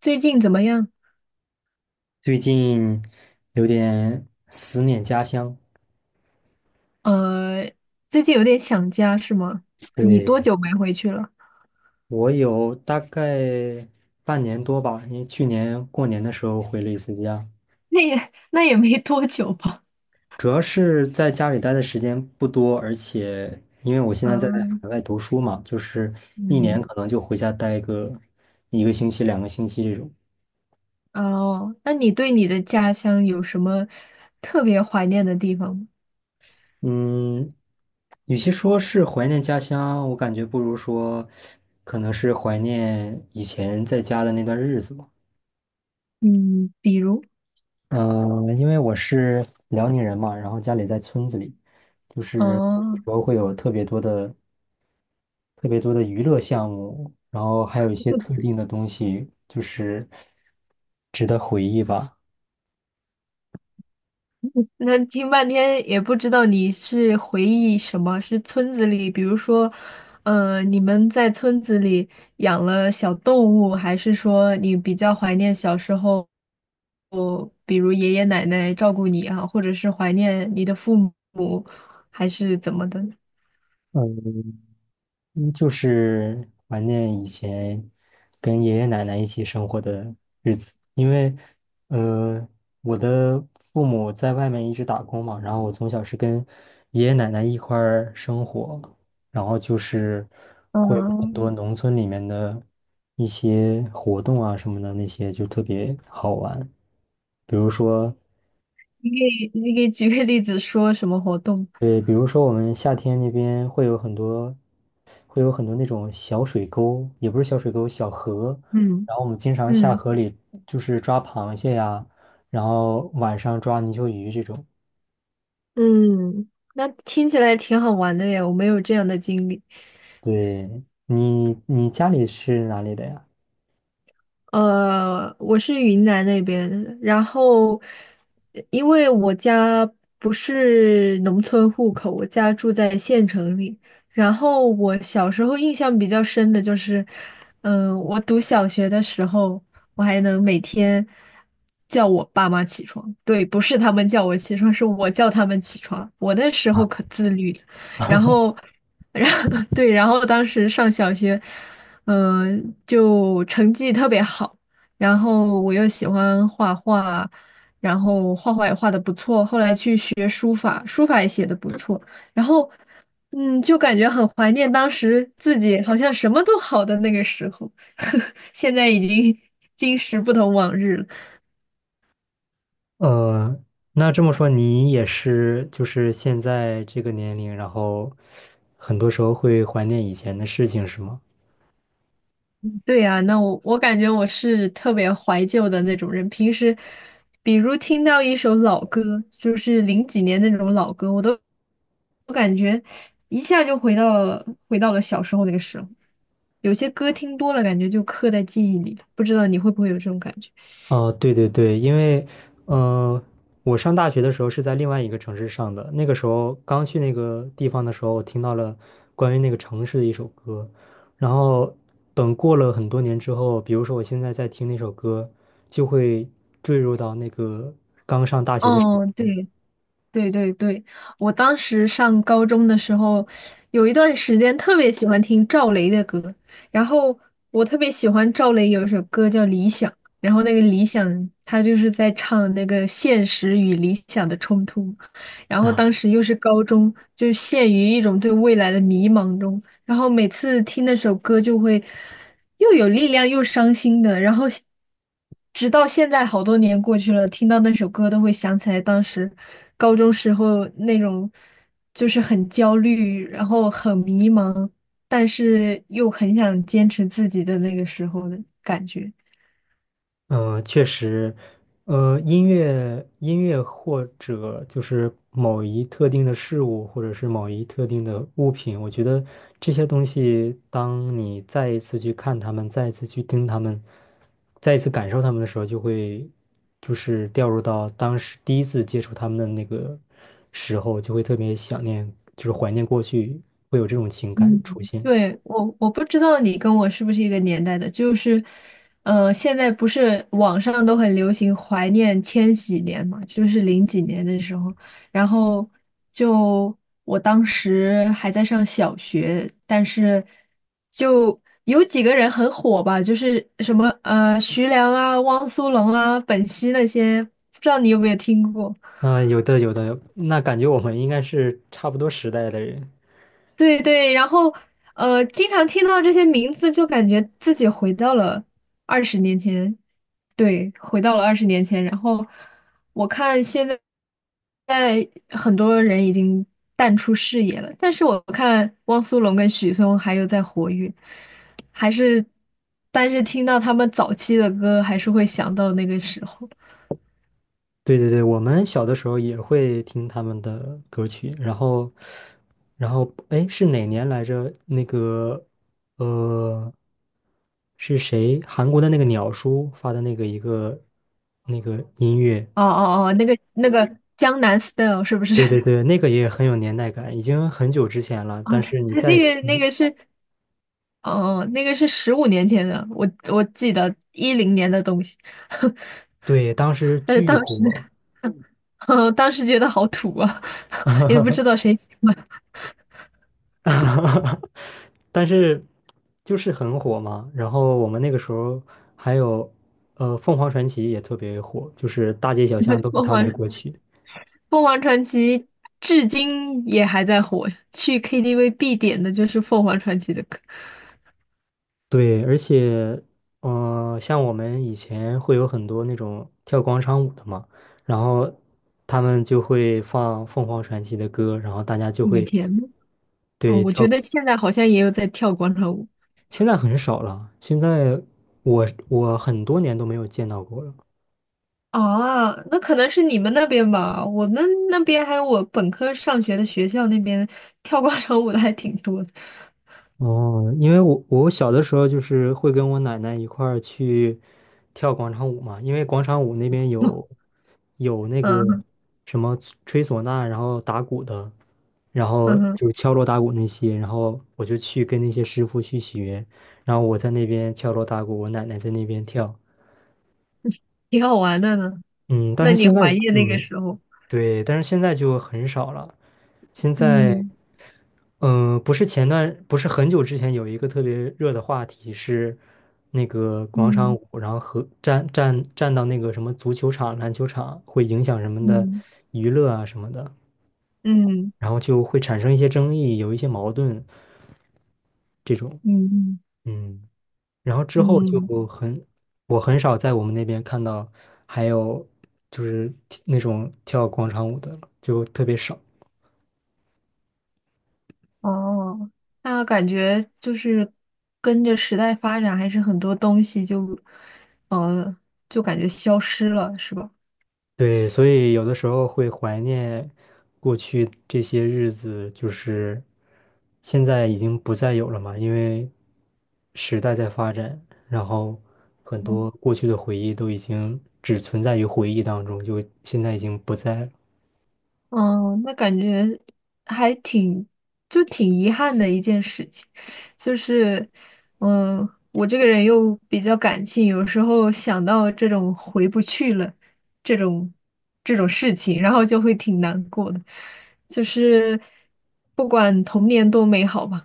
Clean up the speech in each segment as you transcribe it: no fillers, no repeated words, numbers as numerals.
最近怎么样？最近有点思念家乡，呃，最近有点想家是吗？你多对，久没回去了？我有大概半年多吧，因为去年过年的时候回了一次家，那也没多久吧。主要是在家里待的时间不多，而且因为我现在在嗯。海外读书嘛，就是一年嗯。可能就回家待个一个星期、两个星期这种。哦，那你对你的家乡有什么特别怀念的地方吗？嗯，与其说是怀念家乡，我感觉不如说可能是怀念以前在家的那段日子吧。嗯，比如。因为我是辽宁人嘛，然后家里在村子里，就是哦。说会有特别多的娱乐项目，然后还有一些特定的东西，就是。那听半天也不知道你是回忆什么，是村子里，比如说，你们在村子里养了小动物，还是说你比较怀念小时候，哦，比如爷爷奶奶照顾你啊，或者是怀念你的父母，还是怎么的呢？呃嗯，就是怀念以前跟爷爷奶奶一起生活的日子，因为，呃，我的父母在外面一直打工嘛，然后我从小是跟爷爷奶奶一块儿生活，然后就是会有很嗯。多农村里面的一些活动啊什么的，那些就特别好玩，比如说你给你给举个例子说什么活动？对，比如说我们夏天那边会有很多，那种小水沟，也不是小水沟，小河。嗯。然后我们经常下嗯。河里，就是抓螃蟹呀，然后晚上抓泥鳅鱼这种。嗯，那听起来挺好玩的耶，我没有这样的经历。对，你家里是哪里的呀？我是云南那边的，然后因为我家不是农村户口，我家住在县城里。然后我小时候印象比较深的就是，我读小学的时候，我还能每天叫我爸妈起床。对，不是他们叫我起床，是我叫他们起床。我那时候可自律了，然后，然后对，然后当时上小学。就成绩特别好，然后我又喜欢画画，然后画画也画的不错，后来去学书法，书法也写的不错，然后嗯，就感觉很怀念当时自己好像什么都好的那个时候，现在已经 今时不同往日了。呃，那这么说你也是，就是现在这个年龄，然后很多时候会怀念以前的事情，是吗？对呀，那我感觉我是特别怀旧的那种人。平时，比如听到一首老歌，就是零几年那种老歌，我都我感觉一下就回到了小时候那个时候。有些歌听多了，感觉就刻在记忆里了。不知道你会不会有这种感觉？哦，对对对，因为，呃，我上大学的时候是在另外一个城市上的，那个时候刚去那个地方的时候，我听到了关于那个城市的一首歌，然后等过了很多年之后，比如说我现在在听那首歌，就会坠入到那个刚上大学的时哦，代。对，对对对，我当时上高中的时候，有一段时间特别喜欢听赵雷的歌，然后我特别喜欢赵雷有一首歌叫《理想》，然后那个《理想》他就是在唱那个现实与理想的冲突，然后当 时又是高中，就陷于一种对未来的迷茫中，然后每次听那首歌就会又有力量又伤心的，然后直到现在好多年过去了，听到那首歌都会想起来当时高中时候那种就是很焦虑，然后很迷茫，但是又很想坚持自己的那个时候的感觉。嗯，确实，音乐或者就是某一特定的事物，或者是某一特定的物品，我觉得这些东西，当你再一次去看他们，再一次去听他们，再一次感受他们的时候，就会就是掉入到当时第一次接触他们的那个时候，就会特别想念，就是怀念过去，会有这种情感嗯，出现。对，我不知道你跟我是不是一个年代的，就是，现在不是网上都很流行怀念千禧年嘛，就是零几年的时候，然后就我当时还在上小学，但是就有几个人很火吧，就是什么徐良啊、汪苏泷啊、本兮那些，不知道你有没有听过？啊、有的有的，那感觉我们应该是差不多时代的人。对对，然后经常听到这些名字，就感觉自己回到了二十年前，对，回到了二十年前。然后我看现在，在很多人已经淡出视野了，但是我看汪苏泷跟许嵩还有在活跃，还是，但是听到他们早期的歌，还是会想到那个时候。对对对，我们小的时候也会听他们的歌曲，然后，哎，是哪年来着？那个，呃，是谁？韩国的那个鸟叔发的那个一个那个音乐，哦哦哦，那个江南 style 是不是？对 对对，那个也很有年代感，已经很久之前了，哦，但是你在，那个那嗯个是。哦，那个是15年前的，我记得10年的东西，对，当时但是巨当时，火，嗯，当时觉得好土啊，也不知道 谁喜欢 但是就是很火嘛。然后我们那个时候还有，凤凰传奇也特别火，就是大街小巷都是凤他们的凰。歌曲。凤凰传奇，至今也还在火，去 KTV 必点的就是凤凰传奇的歌。对，而且，像我们以前会有很多那种跳广场舞的嘛，然后他们就会放凤凰传奇的歌，然后大家就以会前呢。哦，对我觉跳。得现在好像也有在跳广场舞。现在很少了，现在我很多年都没有见到过了。啊，那可能是你们那边吧，我们那边还有我本科上学的学校那边跳广场舞的还挺多的，哦，因为我小的时候就是会跟我奶奶一块儿去跳广场舞嘛，因为广场舞那边有 那个嗯。什么吹唢呐，然后打鼓的，然后嗯哼，就是敲锣打鼓那些，然后我就去跟那些师傅去学，然后我在那边敲锣打鼓，我奶奶在那边跳，挺好玩的呢。嗯，但那是你现在怀念嗯那个没，时候？对，但是现在就很少了，现在。嗯。嗯，不是很久之前有一个特别热的话题是那个广场嗯。舞，然后和站到那个什么足球场、篮球场会影响人们的嗯。娱乐啊什么的，嗯。然后就会产生一些争议，有一些矛盾这种。嗯。嗯，然后之后就嗯，嗯，很，我很少在我们那边看到还有就是那种跳广场舞的了就特别少。哦，那感觉就是跟着时代发展，还是很多东西就，呃，就感觉消失了，是吧？对，所以有的时候会怀念过去这些日子，就是现在已经不再有了嘛，因为时代在发展，然后很多过去的回忆都已经只存在于回忆当中，就现在已经不在了。嗯，那感觉还挺，就挺遗憾的一件事情，就是，嗯，我这个人又比较感性，有时候想到这种回不去了，这种这种事情，然后就会挺难过的，就是不管童年多美好吧。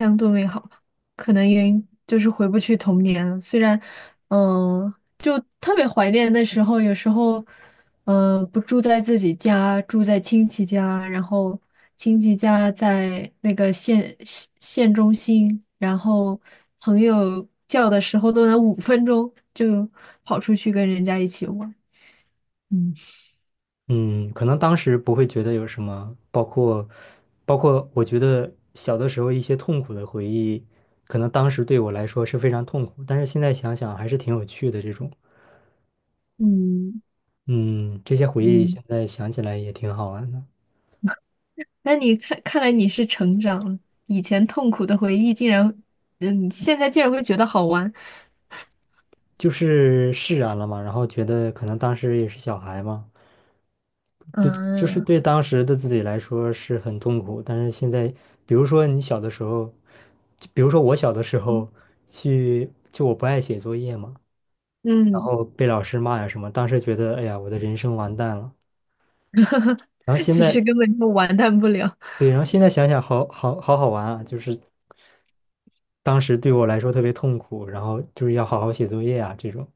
相对美好吧可能也就是回不去童年了。虽然，嗯，就特别怀念那时候，有时候，嗯，不住在自己家，住在亲戚家，然后亲戚家在那个县中心，然后朋友叫的时候都能5分钟就跑出去跟人家一起玩。嗯。嗯，可能当时不会觉得有什么，包括我觉得小的时候一些痛苦的回忆，可能当时对我来说是非常痛苦，但是现在想想还是挺有趣的这种。嗯。嗯，这些回忆嗯。现在想起来也挺好玩的，那你看，看来你是成长了，以前痛苦的回忆竟然，嗯，现在竟然会觉得好玩，就是释然了嘛，然后觉得可能当时也是小孩嘛，对，就是嗯。对当时的自己来说是很痛苦，但是现在，比如说你小的时候，就比如说我小的时候去，就我不爱写作业嘛，然嗯，后被老师骂呀什么，当时觉得哎呀，我的人生完蛋了，然后 现其实在，根本就完蛋不了。对，然后现在想想好好玩啊，就是。当时对我来说特别痛苦，然后就是要好好写作业啊这种，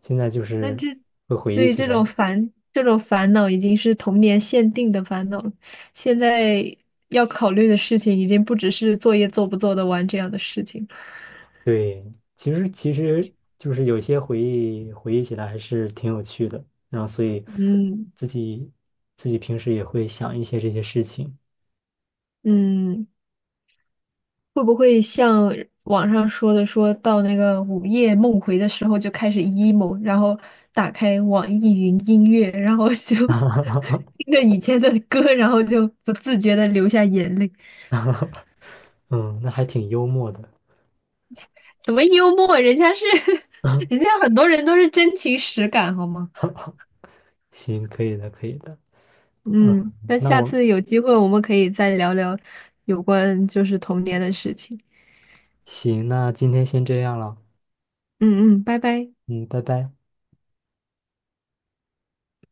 现在就那是这会回忆对起这种来，烦这种烦恼已经是童年限定的烦恼了，现在要考虑的事情已经不只是作业做不做得完这样的事情了。对，其实就是有些回忆回忆起来还是挺有趣的，然后所以嗯。自己自己平时也会想一些这些事情，嗯。会不会像网上说的，说到那个午夜梦回的时候就开始 emo,然后打开网易云音乐，然后就 听着以前的歌，然后就不自觉的流下眼泪？嗯，那还挺幽默的，怎么幽默？人家是，人家很多人都是真情实感，好吗？行，可以的，可以的，嗯，嗯，那那下我次有机会我们可以再聊聊有关就是童年的事情。行，那今天先这样了，嗯。嗯，拜拜。嗯，拜拜。